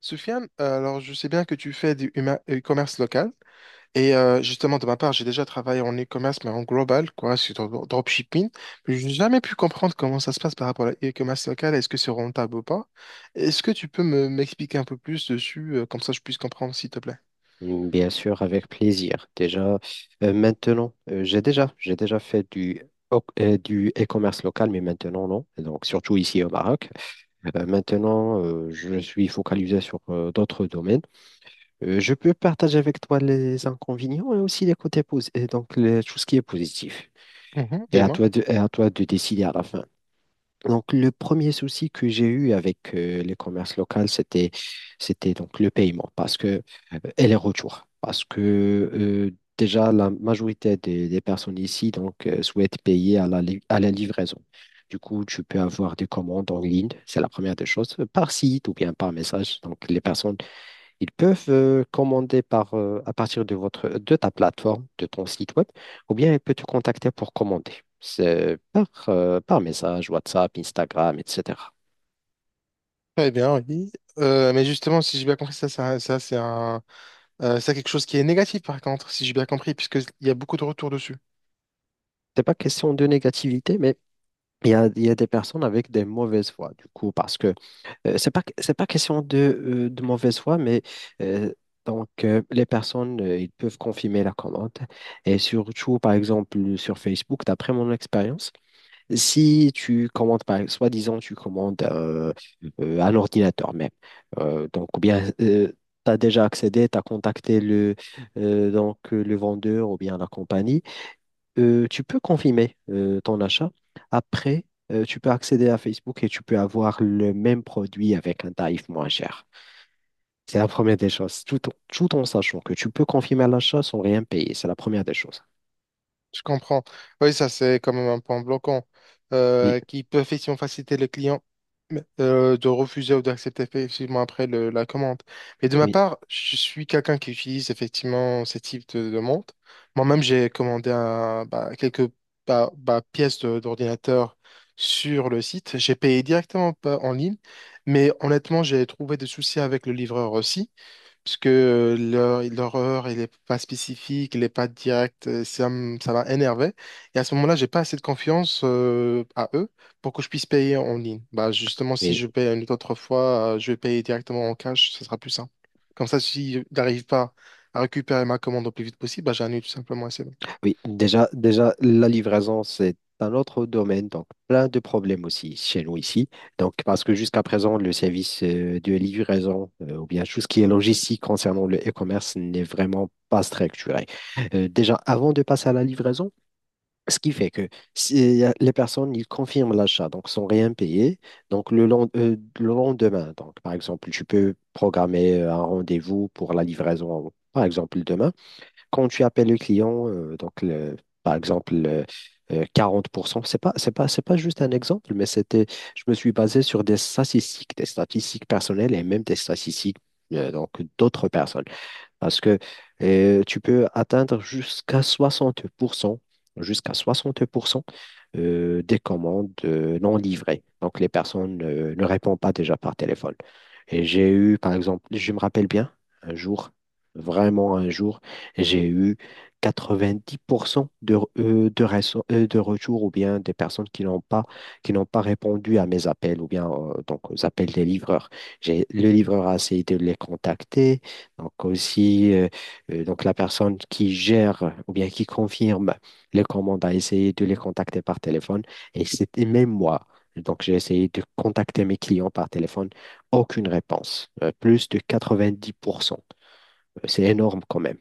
Soufiane, alors je sais bien que tu fais du e-commerce local et justement de ma part, j'ai déjà travaillé en e-commerce mais en global, quoi, sur dropshipping. Mais je n'ai jamais pu comprendre comment ça se passe par rapport à l'e-commerce local. Est-ce que c'est rentable ou pas? Est-ce que tu peux me m'expliquer un peu plus dessus, comme ça je puisse comprendre, s'il te plaît? Bien sûr, avec plaisir. Déjà, maintenant, j'ai déjà fait du, du e-commerce local, mais maintenant, non. Et donc, surtout ici au Maroc. Maintenant, je suis focalisé sur d'autres domaines. Je peux partager avec toi les inconvénients et aussi les côtés positifs, et donc tout ce qui est positif. Mhm, Et à dis-moi. toi de, et à toi de décider à la fin. Donc, le premier souci que j'ai eu avec les commerces locaux, c'était donc le paiement parce que, et les retours. Parce que euh, déjà, la majorité des personnes ici donc, souhaitent payer à la livraison. Du coup, tu peux avoir des commandes en ligne, c'est la première des choses, par site ou bien par message. Donc, les personnes ils peuvent commander à partir de votre, de ta plateforme, de ton site web, ou bien ils peuvent te contacter pour commander. C'est par message, WhatsApp, Instagram, etc. Très bien, oui. Mais justement, si j'ai bien compris, ça c'est c'est quelque chose qui est négatif par contre, si j'ai bien compris, puisqu'il y a beaucoup de retours dessus. C'est pas question de négativité, mais il y a des personnes avec des mauvaises voix, du coup, parce que c'est pas question de mauvaise foi, mais euh, donc les personnes, ils peuvent confirmer la commande. Et surtout, par exemple, sur Facebook, d'après mon expérience, si tu commandes, par exemple, soi-disant, tu commandes un ordinateur même, donc, ou bien tu as déjà accédé, tu as contacté le vendeur ou bien la compagnie, tu peux confirmer ton achat. Après, tu peux accéder à Facebook et tu peux avoir le même produit avec un tarif moins cher. C'est la première des choses, tout en sachant que tu peux confirmer l'achat sans rien payer. C'est la première des choses. Je comprends. Oui, ça, c'est quand même un point bloquant Oui, qui peut effectivement faciliter le client de refuser ou d'accepter effectivement après la commande. Mais de ma oui, part, je suis quelqu'un qui utilise effectivement ce type de demande. Moi-même, j'ai commandé bah, quelques bah, pièces d'ordinateur sur le site. J'ai payé directement pas en ligne, mais honnêtement, j'ai trouvé des soucis avec le livreur aussi puisque leur heure, il n'est pas spécifique, il n'est pas direct, ça m'a énervé. Et à ce moment-là, j'ai pas assez de confiance à eux pour que je puisse payer en ligne. Bah, justement, si oui. je paye une autre fois, je vais payer directement en cash, ce sera plus simple. Comme ça, si je n'arrive pas à récupérer ma commande au plus vite possible, bah, j'annule tout simplement. Oui, déjà, la livraison, c'est un autre domaine, donc plein de problèmes aussi chez nous ici. Donc, parce que jusqu'à présent, le service de livraison, ou bien tout ce qui est logistique concernant le e-commerce n'est vraiment pas structuré. Déjà, avant de passer à la livraison, ce qui fait que si, les personnes, ils confirment l'achat, donc sans rien payer. Donc, le lendemain, donc, par exemple, tu peux programmer un rendez-vous pour la livraison, par exemple, demain. Quand tu appelles le client, par exemple le- 40%, c'est pas juste un exemple, mais c'était, je me suis basé sur des statistiques personnelles et même des statistiques donc d'autres personnes. Parce que tu peux atteindre jusqu'à 60%, jusqu'à 60% des commandes non livrées. Donc, les personnes ne répondent pas déjà par téléphone. Et j'ai eu, par exemple, je me rappelle bien, un jour, vraiment un jour, j'ai eu 90% de retours ou bien des personnes qui n'ont pas répondu à mes appels ou bien donc aux appels des livreurs. Le livreur a essayé de les contacter. Donc aussi, donc la personne qui gère ou bien qui confirme les commandes a essayé de les contacter par téléphone. Et c'était même moi. Donc j'ai essayé de contacter mes clients par téléphone. Aucune réponse. Plus de 90%. C'est énorme quand même.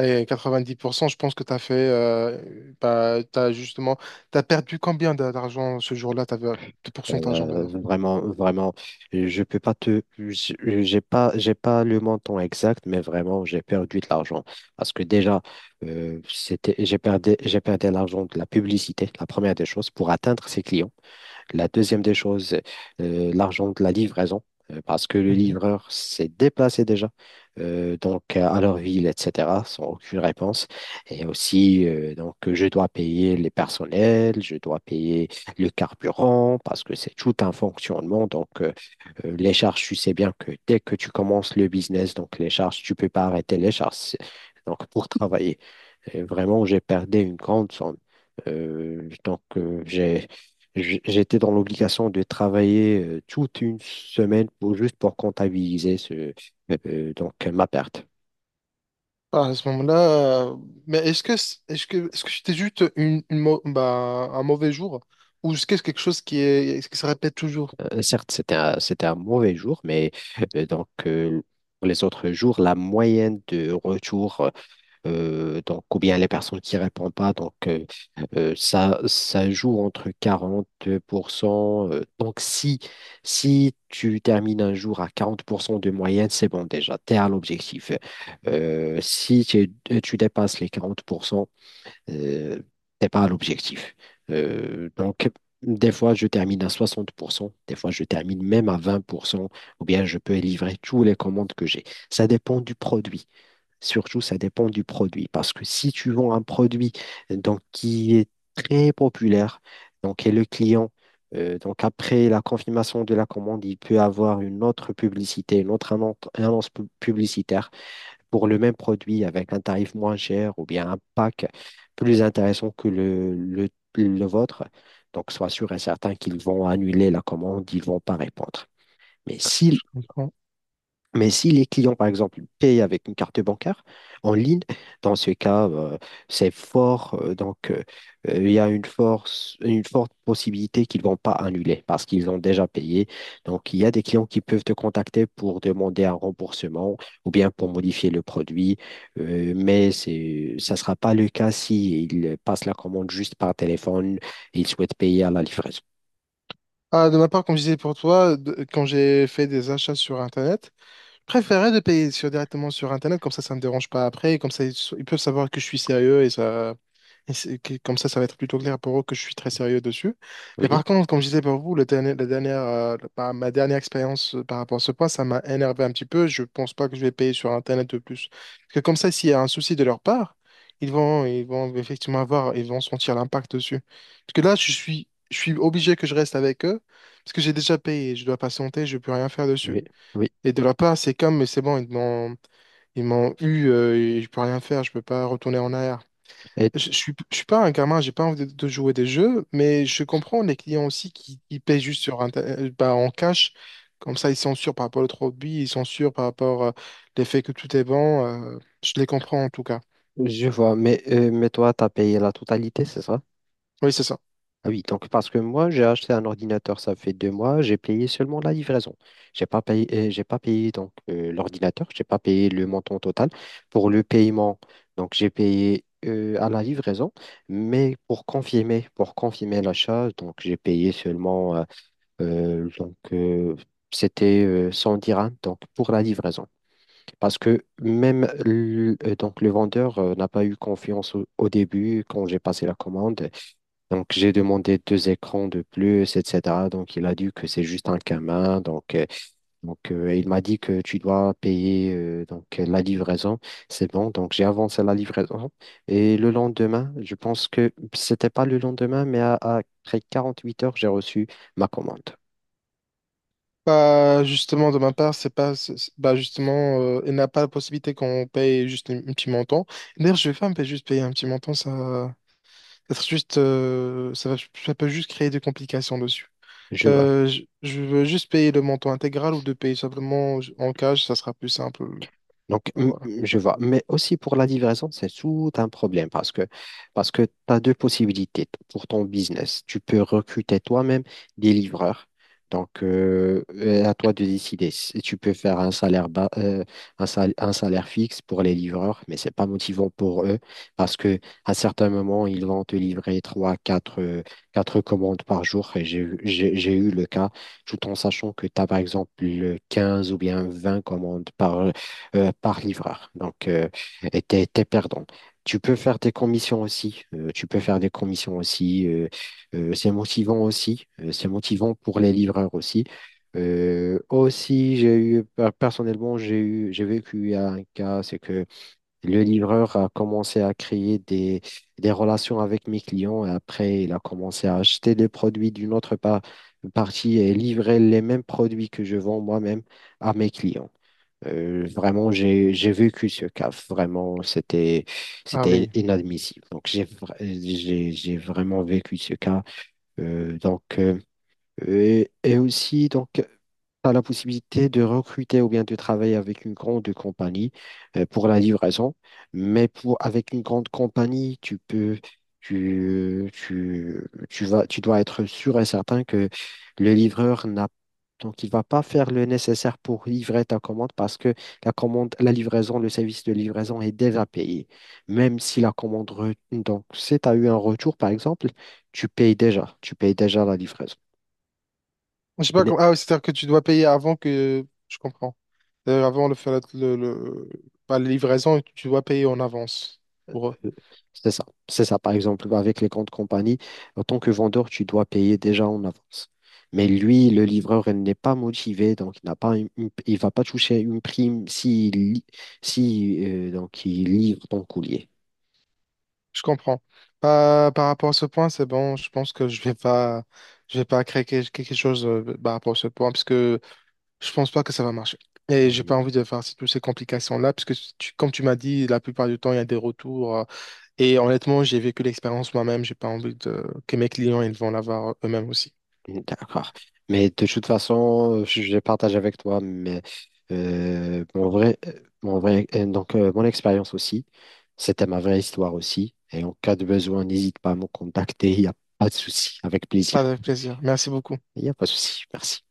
Et 90%, je pense que tu as fait, t'as justement, tu as perdu combien d'argent ce jour-là, t'avais, de pourcentage, on va Euh, dire. vraiment, vraiment, je peux pas te, j'ai pas le montant exact, mais vraiment, j'ai perdu de l'argent parce que déjà, c'était, j'ai perdu l'argent de la publicité, la première des choses, pour atteindre ses clients. La deuxième des choses, l'argent de la livraison, parce que le livreur s'est déplacé déjà donc à leur ville, etc., sans aucune réponse. Et aussi, donc, je dois payer les personnels, je dois payer le carburant, parce que c'est tout un fonctionnement. Donc, les charges, tu sais bien que dès que tu commences le business, donc les charges, tu ne peux pas arrêter les charges. Donc, pour travailler. Et vraiment, j'ai perdu une grande somme. Donc, j'étais dans l'obligation de travailler toute une semaine pour, juste pour comptabiliser ma perte. Ah, à ce moment-là, euh, mais est-ce que c'était juste une un mauvais jour ou est-ce que c'est quelque chose qui est qui se répète toujours? Certes, c'était un mauvais jour, mais euh, donc, euh, pour les autres jours, la moyenne de retour donc, ou bien les personnes qui répondent pas. Donc, ça joue entre 40%, donc, si tu termines un jour à 40% de moyenne, c'est bon déjà, tu es à l'objectif. Si tu dépasses les 40%, euh, t'es pas à l'objectif. Donc, des fois, je termine à 60%, des fois, je termine même à 20%, ou bien je peux livrer tous les commandes que j'ai. Ça dépend du produit. Surtout, ça dépend du produit. Parce que si tu vends un produit donc, qui est très populaire, donc, et le client, donc après la confirmation de la commande, il peut avoir une autre publicité, une autre annonce publicitaire pour le même produit avec un tarif moins cher ou bien un pack plus intéressant que le vôtre. Donc, sois sûr et certain qu'ils vont annuler la commande, ils ne vont pas répondre. Mais Je si comprends. mais si les clients, par exemple, payent avec une carte bancaire en ligne, dans ce cas, c'est fort. Donc, il y a une force, une forte possibilité qu'ils ne vont pas annuler parce qu'ils ont déjà payé. Donc, il y a des clients qui peuvent te contacter pour demander un remboursement ou bien pour modifier le produit. Mais c'est, ça ne sera pas le cas s'ils passent la commande juste par téléphone et ils souhaitent payer à la livraison. Ah, de ma part, comme je disais pour toi, quand j'ai fait des achats sur Internet. Préférerais de payer sur, directement sur Internet, comme ça ne me dérange pas après, et comme ça, ils peuvent savoir que je suis sérieux et ça, et c'est- que- comme ça va être plutôt clair pour eux que je suis très sérieux dessus. Mais Oui, par contre, comme je disais pour vous, la dernière, ma dernière expérience par rapport à ce point, ça m'a énervé un petit peu. Je pense pas que je vais payer sur Internet de plus. Parce que comme ça, s'il y a un souci de leur part, ils vont effectivement avoir, ils vont sentir l'impact dessus. Parce que là, je suis obligé que je reste avec eux, parce que j'ai déjà payé, je dois patienter, je peux rien faire dessus. oui, oui. Et de leur part, c'est comme, mais c'est bon, ils m'ont eu, et je peux rien faire, je peux pas retourner en arrière. Et Je suis pas un gamin, j'ai pas envie de jouer des jeux, mais je comprends les clients aussi qui paient juste sur en cash. Comme ça, ils sont sûrs par rapport au produit, ils sont sûrs par rapport à l'effet que tout est bon. Je les comprends en tout cas. je vois. Mais toi, tu as payé la totalité, c'est ça? Oui, c'est ça. Ah oui, donc parce que moi, j'ai acheté un ordinateur, ça fait 2 mois, j'ai payé seulement la livraison. J'ai pas payé donc l'ordinateur, j'ai pas payé le montant total. Pour le paiement, donc j'ai payé à la livraison, mais pour confirmer l'achat, donc j'ai payé seulement donc c'était 100 dirhams donc pour la livraison. Parce que même le vendeur n'a pas eu confiance au début quand j'ai passé la commande. Donc, j'ai demandé deux écrans de plus, etc. Donc, il a dit que c'est juste un camin. Donc, il m'a dit que tu dois payer la livraison. C'est bon. Donc, j'ai avancé la livraison. Et le lendemain, je pense que c'était pas le lendemain, mais après 48 heures, j'ai reçu ma commande. Bah, justement, de ma part, c'est pas, c'est- bah, justement, il n'a pas la possibilité qu'on paye un petit montant. D'ailleurs, je vais pas me payer- juste payer un petit montant, ça ça être juste, ça va, ça peut juste créer des complications dessus. Je, Je veux juste payer le montant intégral ou de payer simplement en cash, ça sera plus simple. Donc, Voilà. Je vois. Mais aussi pour la livraison, c'est tout un problème parce que, tu as deux possibilités pour ton business. Tu peux recruter toi-même des livreurs. Donc, à toi de décider. Si tu peux faire un salaire bas, un salaire fixe pour les livreurs, mais c'est pas motivant pour eux parce que à certains moments, ils vont te livrer trois, quatre commandes par jour. Et j'ai eu le cas, tout en sachant que tu as par exemple 15 ou bien 20 commandes par livreur. Donc, et t'es perdant. Tu peux faire des commissions aussi. Tu peux faire des commissions aussi. C'est motivant aussi. C'est motivant pour les livreurs aussi. Aussi, j'ai eu, personnellement, j'ai eu, j'ai vécu un cas, c'est que le livreur a commencé à créer des relations avec mes clients et après, il a commencé à acheter des produits d'une autre partie et livrer les mêmes produits que je vends moi-même à mes clients. Vraiment, j'ai vécu ce cas. Vraiment, c'était Ah c'était oui. inadmissible. Donc, j'ai vraiment vécu ce cas. Donc, et aussi, donc, tu as la possibilité de recruter ou bien de travailler avec une grande compagnie pour la livraison. Mais avec une grande compagnie, tu peux, tu vas, tu dois être sûr et certain que le livreur n'a. Donc, il va pas faire le nécessaire pour livrer ta commande parce que la commande, la livraison, le service de livraison est déjà payé. Même si la commande, donc, si tu as eu un retour, par exemple, tu payes déjà la livraison. Je sais pas comment. Ah oui, c'est-à-dire que tu dois payer avant que. Je comprends. Avant de faire pas la livraison, tu dois payer en avance pour eux. Euh, C'est ça. C'est ça. Par exemple, avec les comptes compagnie, en tant que vendeur, tu dois payer déjà en avance. Mais lui, le livreur, il n'est pas motivé, donc il n'a pas il va pas toucher une prime si, donc il livre ton courrier. Je comprends. Par rapport à ce point, c'est bon. Je pense que je vais pas créer quelque chose par rapport à ce point, puisque je pense pas que ça va marcher. Et j'ai Mm, pas envie de faire toutes ces complications-là, parce que comme tu m'as dit, la plupart du temps, il y a des retours. Et honnêtement, j'ai vécu l'expérience moi-même. J'ai pas envie de... que mes clients, ils vont l'avoir eux-mêmes aussi. d'accord. Mais de toute façon, je partage avec toi mais, mon vrai, mon vrai, mon expérience aussi. C'était ma vraie histoire aussi. Et en cas de besoin, n'hésite pas à me contacter. Il n'y a pas de souci. Avec plaisir. Avec plaisir. Merci beaucoup. Il n'y a pas de souci, merci.